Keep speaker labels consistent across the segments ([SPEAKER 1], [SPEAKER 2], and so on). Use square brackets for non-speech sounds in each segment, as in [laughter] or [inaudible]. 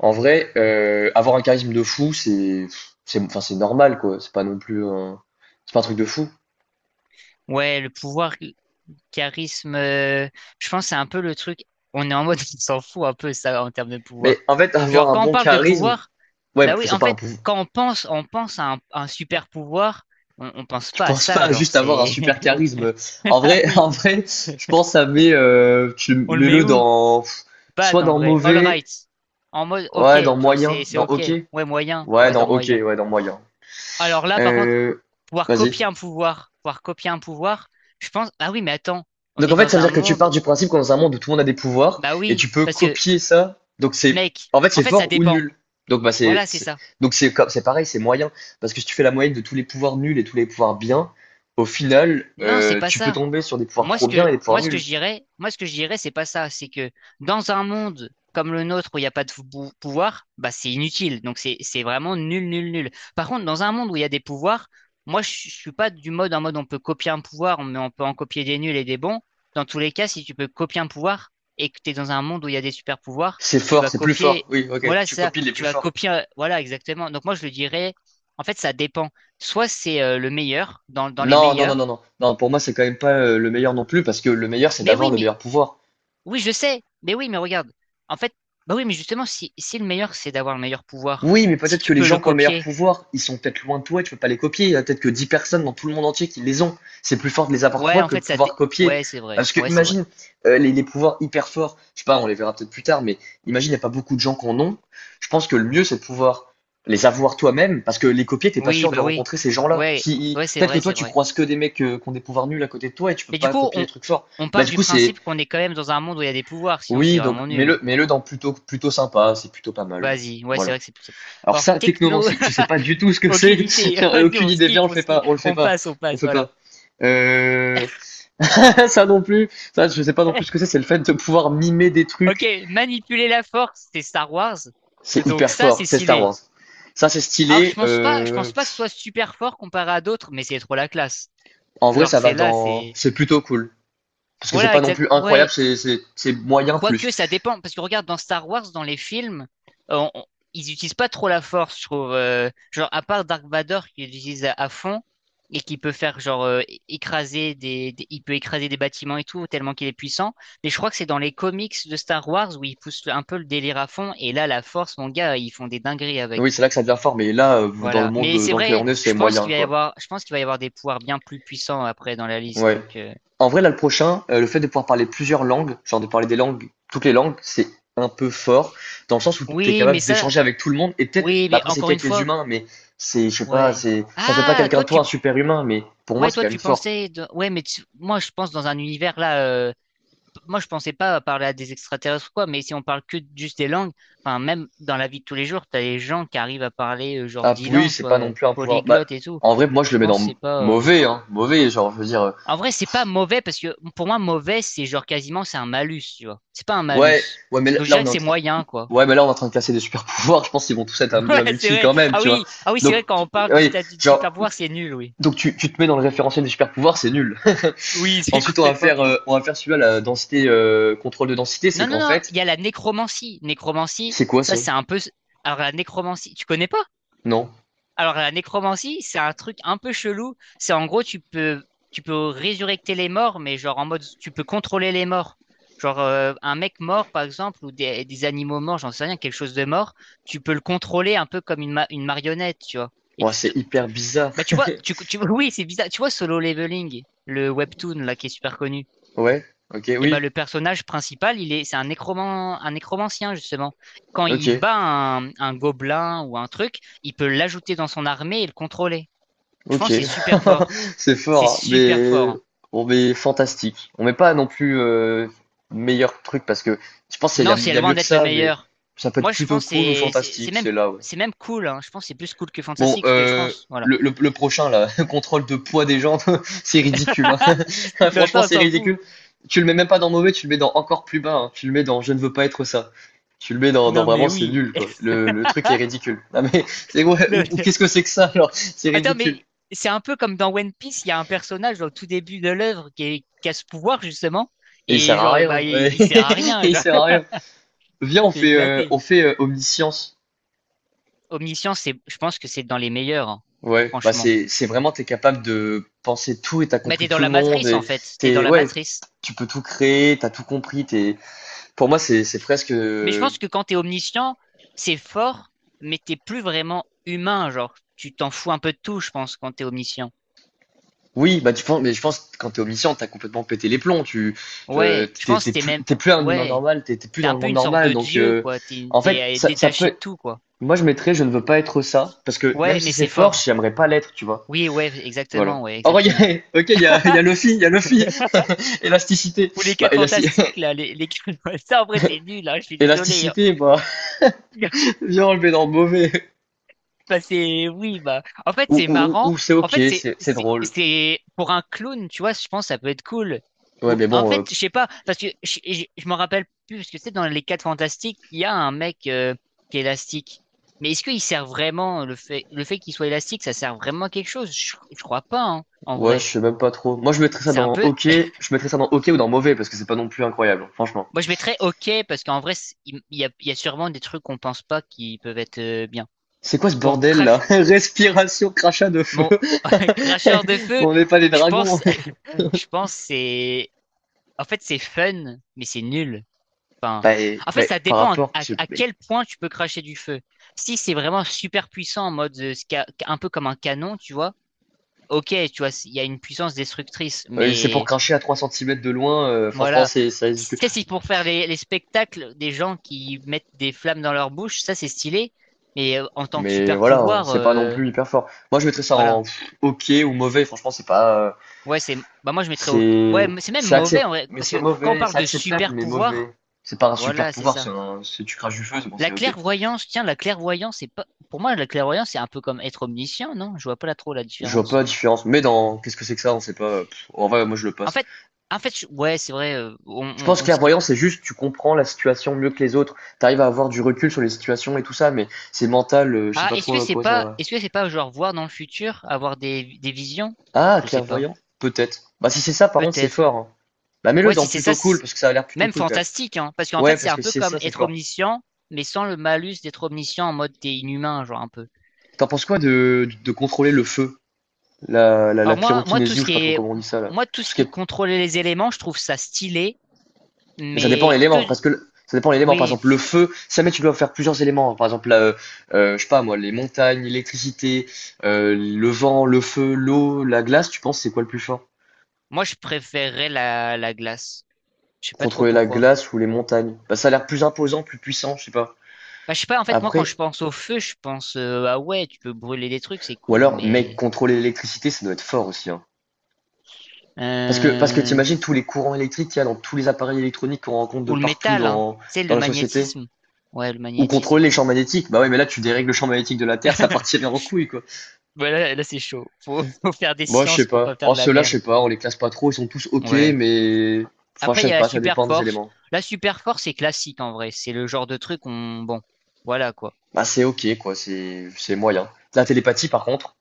[SPEAKER 1] En vrai, avoir un charisme de fou, c'est enfin, c'est normal, quoi. C'est pas non plus un c'est pas un truc de fou.
[SPEAKER 2] Ouais, le pouvoir, charisme, je pense que c'est un peu le truc. On est en mode, [laughs] on s'en fout un peu ça en termes de
[SPEAKER 1] Mais
[SPEAKER 2] pouvoir.
[SPEAKER 1] en fait, avoir
[SPEAKER 2] Genre,
[SPEAKER 1] un
[SPEAKER 2] quand on
[SPEAKER 1] bon
[SPEAKER 2] parle de
[SPEAKER 1] charisme,
[SPEAKER 2] pouvoir,
[SPEAKER 1] ouais,
[SPEAKER 2] bah oui,
[SPEAKER 1] c'est
[SPEAKER 2] en
[SPEAKER 1] pas un
[SPEAKER 2] fait,
[SPEAKER 1] pou
[SPEAKER 2] quand on pense à un super pouvoir, on pense
[SPEAKER 1] je
[SPEAKER 2] pas à
[SPEAKER 1] pense pas
[SPEAKER 2] ça,
[SPEAKER 1] à
[SPEAKER 2] genre,
[SPEAKER 1] juste avoir un
[SPEAKER 2] c'est.
[SPEAKER 1] super charisme, en
[SPEAKER 2] [laughs] Ah
[SPEAKER 1] vrai [laughs]
[SPEAKER 2] oui,
[SPEAKER 1] en vrai, je pense tu
[SPEAKER 2] on le met
[SPEAKER 1] mets-le
[SPEAKER 2] où?
[SPEAKER 1] dans
[SPEAKER 2] Bad
[SPEAKER 1] soit
[SPEAKER 2] en
[SPEAKER 1] dans
[SPEAKER 2] vrai, all
[SPEAKER 1] mauvais,
[SPEAKER 2] right. En mode, ok,
[SPEAKER 1] ouais, dans
[SPEAKER 2] genre, c'est,
[SPEAKER 1] moyen,
[SPEAKER 2] c'est
[SPEAKER 1] dans
[SPEAKER 2] ok.
[SPEAKER 1] OK?
[SPEAKER 2] Ouais, moyen,
[SPEAKER 1] Ouais,
[SPEAKER 2] ouais,
[SPEAKER 1] dans
[SPEAKER 2] dans
[SPEAKER 1] OK,
[SPEAKER 2] moyen.
[SPEAKER 1] ouais, dans moyen.
[SPEAKER 2] Alors là, par contre,
[SPEAKER 1] Heu,
[SPEAKER 2] pouvoir
[SPEAKER 1] Vas-y.
[SPEAKER 2] copier un pouvoir, pouvoir copier un pouvoir, je pense, ah oui, mais attends, on
[SPEAKER 1] Donc
[SPEAKER 2] est
[SPEAKER 1] en fait, ça
[SPEAKER 2] dans
[SPEAKER 1] veut
[SPEAKER 2] un
[SPEAKER 1] dire que tu
[SPEAKER 2] monde
[SPEAKER 1] pars du
[SPEAKER 2] où-
[SPEAKER 1] principe qu'on est dans un monde où tout le monde a des pouvoirs
[SPEAKER 2] Bah
[SPEAKER 1] et
[SPEAKER 2] oui,
[SPEAKER 1] tu peux
[SPEAKER 2] parce que
[SPEAKER 1] copier ça. Donc c'est
[SPEAKER 2] mec,
[SPEAKER 1] En fait,
[SPEAKER 2] en
[SPEAKER 1] c'est
[SPEAKER 2] fait, ça
[SPEAKER 1] fort ou
[SPEAKER 2] dépend.
[SPEAKER 1] nul. Donc bah
[SPEAKER 2] Voilà, c'est ça.
[SPEAKER 1] c'est pareil, c'est moyen parce que si tu fais la moyenne de tous les pouvoirs nuls et tous les pouvoirs bien, au final,
[SPEAKER 2] Non, c'est pas
[SPEAKER 1] tu peux
[SPEAKER 2] ça.
[SPEAKER 1] tomber sur des pouvoirs
[SPEAKER 2] Moi, ce
[SPEAKER 1] trop bien
[SPEAKER 2] que,
[SPEAKER 1] et des pouvoirs
[SPEAKER 2] moi, ce que je
[SPEAKER 1] nuls.
[SPEAKER 2] dirais, c'est pas ça. C'est que dans un monde comme le nôtre où il n'y a pas de pouvoir, bah, c'est inutile. Donc, c'est vraiment nul, nul, nul. Par contre, dans un monde où il y a des pouvoirs, moi, je suis pas du mode en mode on peut copier un pouvoir, mais on peut en copier des nuls et des bons. Dans tous les cas, si tu peux copier un pouvoir et que tu es dans un monde où il y a des super pouvoirs,
[SPEAKER 1] C'est
[SPEAKER 2] tu
[SPEAKER 1] fort,
[SPEAKER 2] vas
[SPEAKER 1] c'est plus fort.
[SPEAKER 2] copier,
[SPEAKER 1] Oui, ok,
[SPEAKER 2] voilà,
[SPEAKER 1] tu
[SPEAKER 2] ça,
[SPEAKER 1] copies les
[SPEAKER 2] tu
[SPEAKER 1] plus
[SPEAKER 2] vas
[SPEAKER 1] forts.
[SPEAKER 2] copier, voilà, exactement. Donc, moi, je le dirais, en fait, ça dépend. Soit c'est le meilleur, dans les
[SPEAKER 1] Non, non, non, non,
[SPEAKER 2] meilleurs.
[SPEAKER 1] non. Non, pour moi, c'est quand même pas le meilleur non plus parce que le meilleur c'est
[SPEAKER 2] Mais
[SPEAKER 1] d'avoir
[SPEAKER 2] oui,
[SPEAKER 1] le
[SPEAKER 2] mais
[SPEAKER 1] meilleur pouvoir.
[SPEAKER 2] oui, je sais, mais oui, mais regarde. En fait, bah oui, mais justement, si le meilleur, c'est d'avoir le meilleur pouvoir,
[SPEAKER 1] Oui, mais
[SPEAKER 2] si
[SPEAKER 1] peut-être que
[SPEAKER 2] tu
[SPEAKER 1] les
[SPEAKER 2] peux le
[SPEAKER 1] gens qui ont le meilleur
[SPEAKER 2] copier,
[SPEAKER 1] pouvoir, ils sont peut-être loin de toi et tu peux pas les copier. Il y a peut-être que 10 personnes dans tout le monde entier qui les ont. C'est plus fort de les avoir
[SPEAKER 2] ouais,
[SPEAKER 1] toi
[SPEAKER 2] en
[SPEAKER 1] que de
[SPEAKER 2] fait, ça
[SPEAKER 1] pouvoir
[SPEAKER 2] dé-
[SPEAKER 1] copier.
[SPEAKER 2] Ouais, c'est vrai,
[SPEAKER 1] Parce que
[SPEAKER 2] ouais, c'est vrai.
[SPEAKER 1] imagine les pouvoirs hyper forts, je sais pas, on les verra peut-être plus tard, mais imagine il n'y a pas beaucoup de gens qui en ont. Je pense que le mieux c'est de pouvoir les avoir toi-même, parce que les copier, t'es pas
[SPEAKER 2] Oui,
[SPEAKER 1] sûr de
[SPEAKER 2] bah oui,
[SPEAKER 1] rencontrer ces gens-là.
[SPEAKER 2] ouais,
[SPEAKER 1] Si ils-
[SPEAKER 2] ouais, c'est
[SPEAKER 1] Peut-être que
[SPEAKER 2] vrai,
[SPEAKER 1] toi
[SPEAKER 2] c'est
[SPEAKER 1] tu
[SPEAKER 2] vrai.
[SPEAKER 1] croises que des mecs qui ont des pouvoirs nuls à côté de toi et tu peux
[SPEAKER 2] Mais du
[SPEAKER 1] pas
[SPEAKER 2] coup,
[SPEAKER 1] copier les
[SPEAKER 2] on,
[SPEAKER 1] trucs forts.
[SPEAKER 2] on
[SPEAKER 1] Bah
[SPEAKER 2] part
[SPEAKER 1] du
[SPEAKER 2] du
[SPEAKER 1] coup c'est
[SPEAKER 2] principe qu'on est quand même dans un monde où il y a des pouvoirs, sinon c'est
[SPEAKER 1] oui, donc
[SPEAKER 2] vraiment
[SPEAKER 1] mets-le
[SPEAKER 2] nul.
[SPEAKER 1] mets-le dans plutôt sympa, c'est plutôt pas mal.
[SPEAKER 2] Vas-y, ouais, c'est
[SPEAKER 1] Voilà.
[SPEAKER 2] vrai que c'est plus simple.
[SPEAKER 1] Alors
[SPEAKER 2] Or,
[SPEAKER 1] ça,
[SPEAKER 2] techno,
[SPEAKER 1] technomancie, je sais pas
[SPEAKER 2] [laughs]
[SPEAKER 1] du tout ce que
[SPEAKER 2] aucune
[SPEAKER 1] c'est. [laughs]
[SPEAKER 2] idée.
[SPEAKER 1] Tiens,
[SPEAKER 2] [laughs] Vas-y,
[SPEAKER 1] aucune
[SPEAKER 2] on
[SPEAKER 1] idée. Viens,
[SPEAKER 2] skip,
[SPEAKER 1] on le
[SPEAKER 2] on
[SPEAKER 1] fait pas.
[SPEAKER 2] skip,
[SPEAKER 1] On le fait pas.
[SPEAKER 2] on
[SPEAKER 1] On le
[SPEAKER 2] passe,
[SPEAKER 1] fait
[SPEAKER 2] voilà.
[SPEAKER 1] pas. Euh... [laughs] Ça non plus. Ça, je sais pas non plus ce que c'est.
[SPEAKER 2] [laughs]
[SPEAKER 1] C'est le fait de pouvoir mimer des
[SPEAKER 2] Ok,
[SPEAKER 1] trucs.
[SPEAKER 2] manipuler la force, c'est Star Wars.
[SPEAKER 1] C'est
[SPEAKER 2] Donc
[SPEAKER 1] hyper
[SPEAKER 2] ça,
[SPEAKER 1] fort.
[SPEAKER 2] c'est
[SPEAKER 1] C'est Star
[SPEAKER 2] stylé.
[SPEAKER 1] Wars. Ça, c'est
[SPEAKER 2] Alors,
[SPEAKER 1] stylé.
[SPEAKER 2] je pense pas que ce soit super fort comparé à d'autres, mais c'est trop la classe.
[SPEAKER 1] En vrai,
[SPEAKER 2] Genre,
[SPEAKER 1] ça va
[SPEAKER 2] c'est là,
[SPEAKER 1] dans.
[SPEAKER 2] c'est.
[SPEAKER 1] C'est plutôt cool. Parce que c'est
[SPEAKER 2] Voilà,
[SPEAKER 1] pas non
[SPEAKER 2] exact.
[SPEAKER 1] plus
[SPEAKER 2] Ouais.
[SPEAKER 1] incroyable. C'est moyen
[SPEAKER 2] Quoique,
[SPEAKER 1] plus.
[SPEAKER 2] ça dépend. Parce que regarde, dans Star Wars, dans les films, euh, on- ils utilisent pas trop la force, je trouve. Genre, à part Dark Vador qui l'utilise à fond et qui peut faire, genre, écraser des, il peut écraser des bâtiments et tout, tellement qu'il est puissant. Mais je crois que c'est dans les comics de Star Wars où ils poussent un peu le délire à fond. Et là, la force, mon gars, ils font des dingueries
[SPEAKER 1] Oui,
[SPEAKER 2] avec.
[SPEAKER 1] c'est là que ça devient fort. Mais là, dans le
[SPEAKER 2] Voilà.
[SPEAKER 1] monde
[SPEAKER 2] Mais c'est
[SPEAKER 1] dans lequel
[SPEAKER 2] vrai,
[SPEAKER 1] on est, c'est
[SPEAKER 2] je pense
[SPEAKER 1] moyen
[SPEAKER 2] qu'il va y
[SPEAKER 1] quoi.
[SPEAKER 2] avoir, je pense qu'il va y avoir des pouvoirs bien plus puissants après dans la liste.
[SPEAKER 1] Ouais.
[SPEAKER 2] Donc
[SPEAKER 1] En vrai, là, le prochain, le fait de pouvoir parler plusieurs langues, genre de parler des langues, toutes les langues, c'est un peu fort, dans le sens où tu es
[SPEAKER 2] oui, mais
[SPEAKER 1] capable
[SPEAKER 2] ça,
[SPEAKER 1] d'échanger avec tout le monde et peut-être,
[SPEAKER 2] oui,
[SPEAKER 1] bah,
[SPEAKER 2] mais
[SPEAKER 1] après c'est
[SPEAKER 2] encore une
[SPEAKER 1] qu'avec les
[SPEAKER 2] fois,
[SPEAKER 1] humains, mais c'est, je sais pas,
[SPEAKER 2] ouais.
[SPEAKER 1] c'est, ça fait pas
[SPEAKER 2] Ah,
[SPEAKER 1] quelqu'un
[SPEAKER 2] toi
[SPEAKER 1] de toi
[SPEAKER 2] tu,
[SPEAKER 1] un super humain, mais pour moi
[SPEAKER 2] ouais,
[SPEAKER 1] c'est
[SPEAKER 2] toi
[SPEAKER 1] quand même
[SPEAKER 2] tu
[SPEAKER 1] fort.
[SPEAKER 2] pensais, ouais, mais moi je pense dans un univers là, moi je pensais pas parler à des extraterrestres ou quoi, mais si on parle que juste des langues, enfin même dans la vie de tous les jours, t'as des gens qui arrivent à parler genre
[SPEAKER 1] Ah
[SPEAKER 2] dix
[SPEAKER 1] oui,
[SPEAKER 2] langues, tu
[SPEAKER 1] c'est pas
[SPEAKER 2] vois,
[SPEAKER 1] non plus un pouvoir. Bah,
[SPEAKER 2] polyglottes et tout.
[SPEAKER 1] en vrai, moi je
[SPEAKER 2] Je
[SPEAKER 1] le mets
[SPEAKER 2] pense que
[SPEAKER 1] dans
[SPEAKER 2] c'est pas.
[SPEAKER 1] mauvais, hein, mauvais, genre je veux dire,
[SPEAKER 2] En vrai, c'est pas mauvais parce que pour moi, mauvais, c'est genre quasiment c'est un malus, tu vois. C'est pas un
[SPEAKER 1] ouais,
[SPEAKER 2] malus.
[SPEAKER 1] ouais,
[SPEAKER 2] Donc je dirais que c'est moyen, quoi.
[SPEAKER 1] mais là on est en train de casser des super pouvoirs, je pense qu'ils vont tous être un
[SPEAKER 2] [laughs]
[SPEAKER 1] minimum
[SPEAKER 2] Ouais, c'est
[SPEAKER 1] utiles
[SPEAKER 2] vrai.
[SPEAKER 1] quand même,
[SPEAKER 2] Ah
[SPEAKER 1] tu vois?
[SPEAKER 2] oui, ah oui, c'est
[SPEAKER 1] Donc,
[SPEAKER 2] vrai quand on parle du
[SPEAKER 1] oui,
[SPEAKER 2] statut de super
[SPEAKER 1] genre,
[SPEAKER 2] pouvoir, c'est nul, oui.
[SPEAKER 1] donc tu te mets dans le référentiel des super pouvoirs, c'est nul.
[SPEAKER 2] Oui, [laughs]
[SPEAKER 1] [laughs]
[SPEAKER 2] c'est
[SPEAKER 1] Ensuite,
[SPEAKER 2] complètement nul.
[SPEAKER 1] on va faire celui-là, la densité, contrôle de densité, c'est
[SPEAKER 2] Non, non,
[SPEAKER 1] qu'en
[SPEAKER 2] non, il
[SPEAKER 1] fait,
[SPEAKER 2] y a la nécromancie. Nécromancie,
[SPEAKER 1] c'est quoi
[SPEAKER 2] ça
[SPEAKER 1] ça?
[SPEAKER 2] c'est un peu. Alors la nécromancie, tu connais pas?
[SPEAKER 1] Non.
[SPEAKER 2] Alors la nécromancie, c'est un truc un peu chelou. C'est en gros, tu peux résurrecter les morts, mais genre en mode, tu peux contrôler les morts. Genre un mec mort, par exemple, ou des animaux morts, j'en sais rien, quelque chose de mort, tu peux le contrôler un peu comme une marionnette, tu vois. Et
[SPEAKER 1] Ouais,
[SPEAKER 2] tu,
[SPEAKER 1] c'est
[SPEAKER 2] tu...
[SPEAKER 1] hyper bizarre.
[SPEAKER 2] Bah, tu
[SPEAKER 1] [laughs]
[SPEAKER 2] vois, tu... [laughs] oui, c'est bizarre. Tu vois Solo Leveling, le webtoon là qui est super connu.
[SPEAKER 1] Ouais, ok,
[SPEAKER 2] Et ben,
[SPEAKER 1] oui,
[SPEAKER 2] le personnage principal, c'est un nécromancien, justement. Quand
[SPEAKER 1] ok,
[SPEAKER 2] il bat un gobelin ou un truc, il peut l'ajouter dans son armée et le contrôler. Je pense
[SPEAKER 1] ok.
[SPEAKER 2] que c'est super fort.
[SPEAKER 1] [laughs] C'est fort,
[SPEAKER 2] C'est
[SPEAKER 1] hein,
[SPEAKER 2] super
[SPEAKER 1] mais
[SPEAKER 2] fort. Hein.
[SPEAKER 1] bon, mais fantastique. On met pas non plus meilleur truc parce que je pense qu'il y a,
[SPEAKER 2] Non,
[SPEAKER 1] il
[SPEAKER 2] c'est
[SPEAKER 1] y a mieux
[SPEAKER 2] loin
[SPEAKER 1] que
[SPEAKER 2] d'être le
[SPEAKER 1] ça, mais
[SPEAKER 2] meilleur.
[SPEAKER 1] ça peut être
[SPEAKER 2] Moi, je
[SPEAKER 1] plutôt
[SPEAKER 2] pense que
[SPEAKER 1] cool ou
[SPEAKER 2] c'est, c'est c'est
[SPEAKER 1] fantastique,
[SPEAKER 2] même,
[SPEAKER 1] c'est là, ouais.
[SPEAKER 2] c'est même cool, hein. Je pense que c'est plus cool que
[SPEAKER 1] Bon,
[SPEAKER 2] Fantasy, ce que je pense. Voilà.
[SPEAKER 1] le prochain là, [laughs] contrôle de poids des jambes, [laughs] c'est ridicule.
[SPEAKER 2] [laughs]
[SPEAKER 1] Hein. [laughs]
[SPEAKER 2] Non,
[SPEAKER 1] Franchement,
[SPEAKER 2] ça, on
[SPEAKER 1] c'est
[SPEAKER 2] s'en fout.
[SPEAKER 1] ridicule. Tu le mets même pas dans mauvais, tu le mets dans encore plus bas. Hein. Tu le mets dans je ne veux pas être ça. Tu le mets dans
[SPEAKER 2] Non, mais
[SPEAKER 1] vraiment c'est
[SPEAKER 2] oui.
[SPEAKER 1] nul quoi. Le truc est ridicule. Non mais [laughs] c'est ouais, ou qu'est-ce
[SPEAKER 2] [laughs]
[SPEAKER 1] que c'est que ça alors? [laughs] C'est
[SPEAKER 2] Attends,
[SPEAKER 1] ridicule.
[SPEAKER 2] mais c'est un peu comme dans One Piece, il y a un personnage au tout début de l'œuvre qui a ce pouvoir, justement,
[SPEAKER 1] Et il sert
[SPEAKER 2] et
[SPEAKER 1] à
[SPEAKER 2] genre,
[SPEAKER 1] rien,
[SPEAKER 2] bah, il,
[SPEAKER 1] ouais.
[SPEAKER 2] il sert à
[SPEAKER 1] [laughs]
[SPEAKER 2] rien,
[SPEAKER 1] Il
[SPEAKER 2] genre,
[SPEAKER 1] sert à
[SPEAKER 2] [laughs]
[SPEAKER 1] rien. Viens,
[SPEAKER 2] c'est éclaté.
[SPEAKER 1] on fait omniscience.
[SPEAKER 2] Omniscience, je pense que c'est dans les meilleurs, hein,
[SPEAKER 1] Ouais, bah
[SPEAKER 2] franchement.
[SPEAKER 1] c'est vraiment t'es capable de penser tout et t'as
[SPEAKER 2] Bah, t'es
[SPEAKER 1] compris
[SPEAKER 2] dans
[SPEAKER 1] tout le
[SPEAKER 2] la
[SPEAKER 1] monde
[SPEAKER 2] matrice, en
[SPEAKER 1] et
[SPEAKER 2] fait, t'es dans
[SPEAKER 1] t'es
[SPEAKER 2] la
[SPEAKER 1] ouais,
[SPEAKER 2] matrice.
[SPEAKER 1] tu peux tout créer, t'as tout compris, t'es pour moi, c'est presque.
[SPEAKER 2] Mais je pense que quand t'es omniscient, c'est fort, mais t'es plus vraiment humain, genre, tu t'en fous un peu de tout, je pense, quand t'es omniscient.
[SPEAKER 1] Oui, bah tu penses, mais je pense que quand t'es omniscient, t'as complètement pété les plombs.
[SPEAKER 2] Ouais, je
[SPEAKER 1] T'es
[SPEAKER 2] pense que
[SPEAKER 1] t'es
[SPEAKER 2] t'es
[SPEAKER 1] plus,
[SPEAKER 2] même,
[SPEAKER 1] t'es plus un humain
[SPEAKER 2] ouais,
[SPEAKER 1] normal, t'es plus
[SPEAKER 2] t'es
[SPEAKER 1] dans
[SPEAKER 2] un
[SPEAKER 1] le
[SPEAKER 2] peu
[SPEAKER 1] monde
[SPEAKER 2] une sorte
[SPEAKER 1] normal.
[SPEAKER 2] de
[SPEAKER 1] Donc,
[SPEAKER 2] dieu, quoi, t'es
[SPEAKER 1] en fait,
[SPEAKER 2] t'es, euh,
[SPEAKER 1] ça
[SPEAKER 2] détaché de
[SPEAKER 1] peut.
[SPEAKER 2] tout, quoi.
[SPEAKER 1] Moi, je mettrais, je ne veux pas être ça, parce que même
[SPEAKER 2] Ouais,
[SPEAKER 1] si
[SPEAKER 2] mais
[SPEAKER 1] c'est
[SPEAKER 2] c'est
[SPEAKER 1] fort,
[SPEAKER 2] fort.
[SPEAKER 1] j'aimerais pas l'être, tu vois.
[SPEAKER 2] Oui, ouais,
[SPEAKER 1] Voilà.
[SPEAKER 2] exactement, ouais,
[SPEAKER 1] Oh,
[SPEAKER 2] exactement.
[SPEAKER 1] regarde, [laughs] ok, il y a Luffy, il y a Luffy, élasticité.
[SPEAKER 2] Ou les
[SPEAKER 1] Bah,
[SPEAKER 2] quatre fantastiques, là, les... [laughs] ça, en vrai, c'est nul, hein, je suis
[SPEAKER 1] [laughs]
[SPEAKER 2] désolé. Hein.
[SPEAKER 1] élasticité, bah,
[SPEAKER 2] [laughs]
[SPEAKER 1] [laughs] viens enlever dans le mauvais.
[SPEAKER 2] Bah, c'est, oui, bah, en fait,
[SPEAKER 1] Ou,
[SPEAKER 2] c'est
[SPEAKER 1] ou, ou- ou
[SPEAKER 2] marrant.
[SPEAKER 1] c'est
[SPEAKER 2] En
[SPEAKER 1] ok,
[SPEAKER 2] fait, c'est,
[SPEAKER 1] c'est
[SPEAKER 2] c'est,
[SPEAKER 1] drôle.
[SPEAKER 2] c'est, pour un clown, tu vois, je pense, que ça peut être cool.
[SPEAKER 1] Ouais,
[SPEAKER 2] Ou,
[SPEAKER 1] mais
[SPEAKER 2] en
[SPEAKER 1] bon,
[SPEAKER 2] fait, je sais pas, parce que je m'en rappelle plus, parce que tu sais, dans les quatre fantastiques, il y a un mec, qui est élastique. Mais est-ce qu'il sert vraiment, le fait qu'il soit élastique, ça sert vraiment à quelque chose? Je crois pas, hein, en
[SPEAKER 1] ouais, je
[SPEAKER 2] vrai.
[SPEAKER 1] sais même pas trop. Moi, je mettrais ça
[SPEAKER 2] C'est un
[SPEAKER 1] dans
[SPEAKER 2] peu,
[SPEAKER 1] hockey. Je mettrais ça dans hockey ou dans mauvais parce que c'est pas non plus incroyable, franchement.
[SPEAKER 2] moi, je mettrais OK parce qu'en vrai, il y a sûrement des trucs qu'on pense pas qui peuvent être bien.
[SPEAKER 1] C'est quoi ce
[SPEAKER 2] Bon,
[SPEAKER 1] bordel là?
[SPEAKER 2] crash.
[SPEAKER 1] [laughs] Respiration, crachat de feu.
[SPEAKER 2] Bon, [laughs] cracheur de
[SPEAKER 1] [laughs]
[SPEAKER 2] feu,
[SPEAKER 1] Bon, on n'est pas des
[SPEAKER 2] je
[SPEAKER 1] dragons.
[SPEAKER 2] pense,
[SPEAKER 1] [laughs]
[SPEAKER 2] [laughs] je pense, en fait, c'est fun, mais c'est nul. Enfin,
[SPEAKER 1] Bah,
[SPEAKER 2] en fait,
[SPEAKER 1] bah,
[SPEAKER 2] ça
[SPEAKER 1] par
[SPEAKER 2] dépend
[SPEAKER 1] rapport,
[SPEAKER 2] à
[SPEAKER 1] mais,
[SPEAKER 2] quel point tu peux cracher du feu. Si c'est vraiment super puissant en mode un peu comme un canon, tu vois. OK, tu vois, il y a une puissance destructrice,
[SPEAKER 1] c'est pour
[SPEAKER 2] mais
[SPEAKER 1] cracher à 3 centimètres de loin. Franchement,
[SPEAKER 2] voilà.
[SPEAKER 1] c'est ça risque.
[SPEAKER 2] Tu sais, si pour faire les spectacles, des gens qui mettent des flammes dans leur bouche, ça c'est stylé. Mais en tant que
[SPEAKER 1] Mais
[SPEAKER 2] super
[SPEAKER 1] voilà, hein,
[SPEAKER 2] pouvoir,
[SPEAKER 1] c'est pas non plus hyper fort. Moi, je mettrais ça en
[SPEAKER 2] voilà.
[SPEAKER 1] pff, hockey ou mauvais. Franchement, c'est pas,
[SPEAKER 2] Ouais, c'est. Bah moi je mettrais au.
[SPEAKER 1] c'est,
[SPEAKER 2] Ouais, mais c'est même
[SPEAKER 1] c'est
[SPEAKER 2] mauvais en
[SPEAKER 1] acceptable.
[SPEAKER 2] vrai,
[SPEAKER 1] Mais
[SPEAKER 2] parce
[SPEAKER 1] c'est
[SPEAKER 2] que quand on
[SPEAKER 1] mauvais,
[SPEAKER 2] parle
[SPEAKER 1] c'est
[SPEAKER 2] de
[SPEAKER 1] acceptable,
[SPEAKER 2] super
[SPEAKER 1] mais
[SPEAKER 2] pouvoir,
[SPEAKER 1] mauvais. C'est pas un super
[SPEAKER 2] voilà, c'est
[SPEAKER 1] pouvoir.
[SPEAKER 2] ça.
[SPEAKER 1] Si tu craches du feu, c'est bon,
[SPEAKER 2] La
[SPEAKER 1] c'est ok.
[SPEAKER 2] clairvoyance, tiens, la clairvoyance, c'est pas. Pour moi, la clairvoyance, c'est un peu comme être omniscient, non? Je vois pas là trop la
[SPEAKER 1] Je vois pas
[SPEAKER 2] différence.
[SPEAKER 1] la différence. Mais dans qu'est-ce que c'est que ça, on sait pas. Pff, en vrai, moi je le
[SPEAKER 2] En
[SPEAKER 1] passe.
[SPEAKER 2] fait, ouais, c'est vrai, on,
[SPEAKER 1] Je pense
[SPEAKER 2] on,
[SPEAKER 1] que
[SPEAKER 2] on
[SPEAKER 1] clairvoyant,
[SPEAKER 2] skip.
[SPEAKER 1] c'est juste tu comprends la situation mieux que les autres. T'arrives à avoir du recul sur les situations et tout ça, mais c'est mental. Je sais
[SPEAKER 2] Ah,
[SPEAKER 1] pas trop à quoi ça.
[SPEAKER 2] est-ce que c'est pas genre voir dans le futur, avoir des visions?
[SPEAKER 1] Ah,
[SPEAKER 2] Je sais pas.
[SPEAKER 1] clairvoyant, peut-être. Bah si c'est ça, par contre, c'est
[SPEAKER 2] Peut-être.
[SPEAKER 1] fort, hein. Bah mets-le
[SPEAKER 2] Ouais,
[SPEAKER 1] dans
[SPEAKER 2] si c'est ça,
[SPEAKER 1] plutôt cool parce que ça a l'air plutôt
[SPEAKER 2] même
[SPEAKER 1] cool quand même.
[SPEAKER 2] fantastique, hein. Parce qu'en
[SPEAKER 1] Ouais,
[SPEAKER 2] fait, c'est
[SPEAKER 1] parce
[SPEAKER 2] un
[SPEAKER 1] que si
[SPEAKER 2] peu
[SPEAKER 1] c'est ça,
[SPEAKER 2] comme
[SPEAKER 1] c'est
[SPEAKER 2] être
[SPEAKER 1] fort.
[SPEAKER 2] omniscient, mais sans le malus d'être omniscient en mode t'es inhumain, genre un peu.
[SPEAKER 1] T'en penses quoi de contrôler le feu, la
[SPEAKER 2] Alors moi,
[SPEAKER 1] pyrokinésie ou je sais pas trop comment on dit ça là.
[SPEAKER 2] tout
[SPEAKER 1] Tout ce
[SPEAKER 2] ce
[SPEAKER 1] qui
[SPEAKER 2] qui est
[SPEAKER 1] est...
[SPEAKER 2] contrôler les éléments, je trouve ça stylé,
[SPEAKER 1] Mais ça dépend
[SPEAKER 2] mais
[SPEAKER 1] l'élément,
[SPEAKER 2] que,
[SPEAKER 1] parce que ça dépend l'élément. Par
[SPEAKER 2] oui,
[SPEAKER 1] exemple, le feu, ça... mais tu dois faire plusieurs éléments, hein. Par exemple, je sais pas moi, les montagnes, l'électricité, le vent, le feu, l'eau, la glace. Tu penses c'est quoi le plus fort?
[SPEAKER 2] moi, je préférerais la glace. Je sais pas trop
[SPEAKER 1] Contrôler la
[SPEAKER 2] pourquoi.
[SPEAKER 1] glace ou les montagnes? Bah, ça a l'air plus imposant, plus puissant, je sais pas.
[SPEAKER 2] Bah, je sais pas, en fait, moi, quand je
[SPEAKER 1] Après,
[SPEAKER 2] pense au feu, je pense, ah ouais, tu peux brûler des trucs, c'est
[SPEAKER 1] ou
[SPEAKER 2] cool,
[SPEAKER 1] alors, mec,
[SPEAKER 2] mais,
[SPEAKER 1] contrôler l'électricité, ça doit être fort aussi, hein. Parce que
[SPEAKER 2] euh,
[SPEAKER 1] t'imagines tous les courants électriques qu'il y a dans tous les appareils électroniques qu'on rencontre de
[SPEAKER 2] ou le
[SPEAKER 1] partout
[SPEAKER 2] métal, hein.
[SPEAKER 1] dans,
[SPEAKER 2] C'est
[SPEAKER 1] dans
[SPEAKER 2] le
[SPEAKER 1] la société.
[SPEAKER 2] magnétisme. Ouais, le
[SPEAKER 1] Ou
[SPEAKER 2] magnétisme.
[SPEAKER 1] contrôler les champs magnétiques. Bah ouais, mais là, tu dérègles le champ magnétique de la Terre, ça
[SPEAKER 2] [laughs]
[SPEAKER 1] partirait en couille, quoi.
[SPEAKER 2] Voilà là, là, c'est chaud. Faut, [laughs] faut faire des
[SPEAKER 1] Moi, je sais
[SPEAKER 2] sciences pour pas
[SPEAKER 1] pas.
[SPEAKER 2] faire
[SPEAKER 1] En
[SPEAKER 2] de la
[SPEAKER 1] ceux-là, je
[SPEAKER 2] merde.
[SPEAKER 1] sais pas, on les classe pas trop, ils sont tous OK,
[SPEAKER 2] Ouais.
[SPEAKER 1] mais. Enfin, je
[SPEAKER 2] Après, il
[SPEAKER 1] sais
[SPEAKER 2] y a la
[SPEAKER 1] pas, ça
[SPEAKER 2] super
[SPEAKER 1] dépend des
[SPEAKER 2] force.
[SPEAKER 1] éléments.
[SPEAKER 2] La super force, c'est classique en vrai. C'est le genre de truc on, bon, voilà quoi.
[SPEAKER 1] Bah, c'est OK, quoi, c'est moyen. La télépathie, par contre.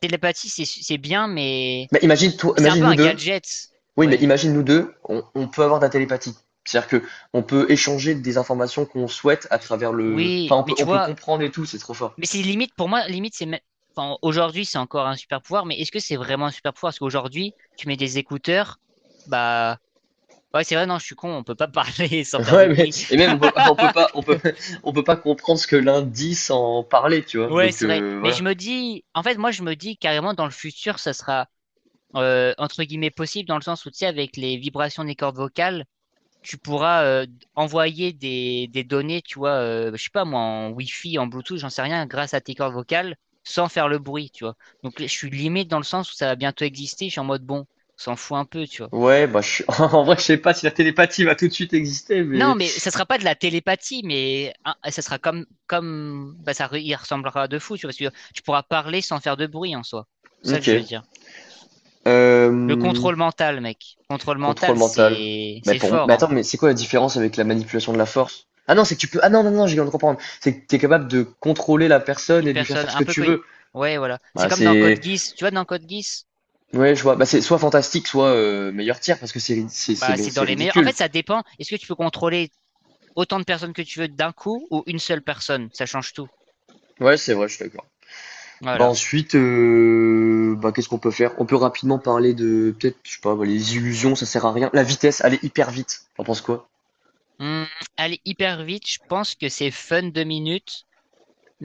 [SPEAKER 2] Télépathie, c'est bien, mais
[SPEAKER 1] Mais imagine, toi,
[SPEAKER 2] c'est un
[SPEAKER 1] imagine
[SPEAKER 2] peu
[SPEAKER 1] nous
[SPEAKER 2] un
[SPEAKER 1] deux.
[SPEAKER 2] gadget.
[SPEAKER 1] Oui, mais
[SPEAKER 2] Ouais.
[SPEAKER 1] imagine nous deux, on peut avoir de la télépathie. C'est-à-dire que on peut échanger des informations qu'on souhaite à travers le.
[SPEAKER 2] Oui,
[SPEAKER 1] Enfin, on
[SPEAKER 2] mais
[SPEAKER 1] peut,
[SPEAKER 2] tu
[SPEAKER 1] on peut
[SPEAKER 2] vois,
[SPEAKER 1] comprendre et tout, c'est trop fort.
[SPEAKER 2] mais c'est limite pour moi, limite c'est même. Enfin, aujourd'hui, c'est encore un super pouvoir, mais est-ce que c'est vraiment un super pouvoir? Parce qu'aujourd'hui, tu mets des écouteurs, bah, ouais, c'est vrai, non, je suis con, on peut pas parler [laughs] sans
[SPEAKER 1] [laughs]
[SPEAKER 2] faire
[SPEAKER 1] Ouais,
[SPEAKER 2] de
[SPEAKER 1] mais
[SPEAKER 2] bruit.
[SPEAKER 1] et même
[SPEAKER 2] [laughs]
[SPEAKER 1] on peut pas comprendre ce que l'un dit sans parler, tu vois.
[SPEAKER 2] Ouais,
[SPEAKER 1] Donc
[SPEAKER 2] c'est vrai. Mais
[SPEAKER 1] voilà.
[SPEAKER 2] je me dis, en fait, moi, je me dis carrément dans le futur, ça sera entre guillemets possible dans le sens où, tu sais, avec les vibrations des cordes vocales, tu pourras envoyer des données, tu vois, je sais pas moi, en Wi-Fi, en Bluetooth, j'en sais rien, grâce à tes cordes vocales, sans faire le bruit, tu vois. Donc, je suis limite dans le sens où ça va bientôt exister. Je suis en mode bon, on s'en fout un peu, tu vois.
[SPEAKER 1] Ouais, bah [laughs] en vrai, je sais pas si la télépathie va tout de suite exister,
[SPEAKER 2] Non,
[SPEAKER 1] mais
[SPEAKER 2] mais ça sera pas de la télépathie, mais hein, ça sera comme, bah, ça, il ressemblera de fou, tu vois, parce que tu pourras parler sans faire de bruit en soi. C'est ça que je veux
[SPEAKER 1] ok.
[SPEAKER 2] dire. Le
[SPEAKER 1] Euh,
[SPEAKER 2] contrôle mental, mec. Contrôle
[SPEAKER 1] Contrôle
[SPEAKER 2] mental,
[SPEAKER 1] mental.
[SPEAKER 2] c'est
[SPEAKER 1] Mais,
[SPEAKER 2] c'est
[SPEAKER 1] mais
[SPEAKER 2] fort, hein.
[SPEAKER 1] attends, mais c'est quoi la différence avec la manipulation de la force? Ah non, c'est que tu peux. Ah non, non, non, j'ai viens de comprendre. C'est que tu es capable de contrôler la personne
[SPEAKER 2] Une
[SPEAKER 1] et de lui faire
[SPEAKER 2] personne,
[SPEAKER 1] faire ce que
[SPEAKER 2] un peu
[SPEAKER 1] tu
[SPEAKER 2] comme une...
[SPEAKER 1] veux.
[SPEAKER 2] Ouais, voilà. C'est
[SPEAKER 1] Bah,
[SPEAKER 2] comme dans
[SPEAKER 1] c'est.
[SPEAKER 2] Code Geass. Tu vois, dans Code Geass,
[SPEAKER 1] Ouais, je vois. Bah, c'est soit fantastique, soit meilleur tir, parce que
[SPEAKER 2] bah, c'est
[SPEAKER 1] c'est
[SPEAKER 2] dans les meilleurs. En
[SPEAKER 1] ridicule.
[SPEAKER 2] fait, ça dépend. Est-ce que tu peux contrôler autant de personnes que tu veux d'un coup ou une seule personne? Ça change tout.
[SPEAKER 1] Ouais, c'est vrai, je suis d'accord. Bah,
[SPEAKER 2] Voilà.
[SPEAKER 1] ensuite, bah, qu'est-ce qu'on peut faire? On peut rapidement parler de. Peut-être, je sais pas, bah, les illusions, ça sert à rien. La vitesse, aller hyper vite. T'en penses quoi?
[SPEAKER 2] Hum, aller hyper vite, je pense que c'est fun 2 minutes,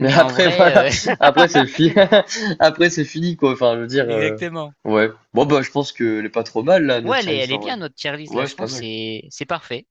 [SPEAKER 1] Mais
[SPEAKER 2] en
[SPEAKER 1] après, [laughs] voilà,
[SPEAKER 2] vrai, [laughs]
[SPEAKER 1] après c'est fini. [laughs] Après c'est fini quoi. Enfin, je veux dire,
[SPEAKER 2] Exactement.
[SPEAKER 1] ouais. Bon bah, je pense qu'elle est pas trop mal là notre
[SPEAKER 2] Ouais,
[SPEAKER 1] tier
[SPEAKER 2] elle
[SPEAKER 1] list
[SPEAKER 2] est
[SPEAKER 1] en vrai.
[SPEAKER 2] bien, notre tier list, là.
[SPEAKER 1] Ouais,
[SPEAKER 2] Je
[SPEAKER 1] c'est pas
[SPEAKER 2] pense que
[SPEAKER 1] mal.
[SPEAKER 2] c'est parfait.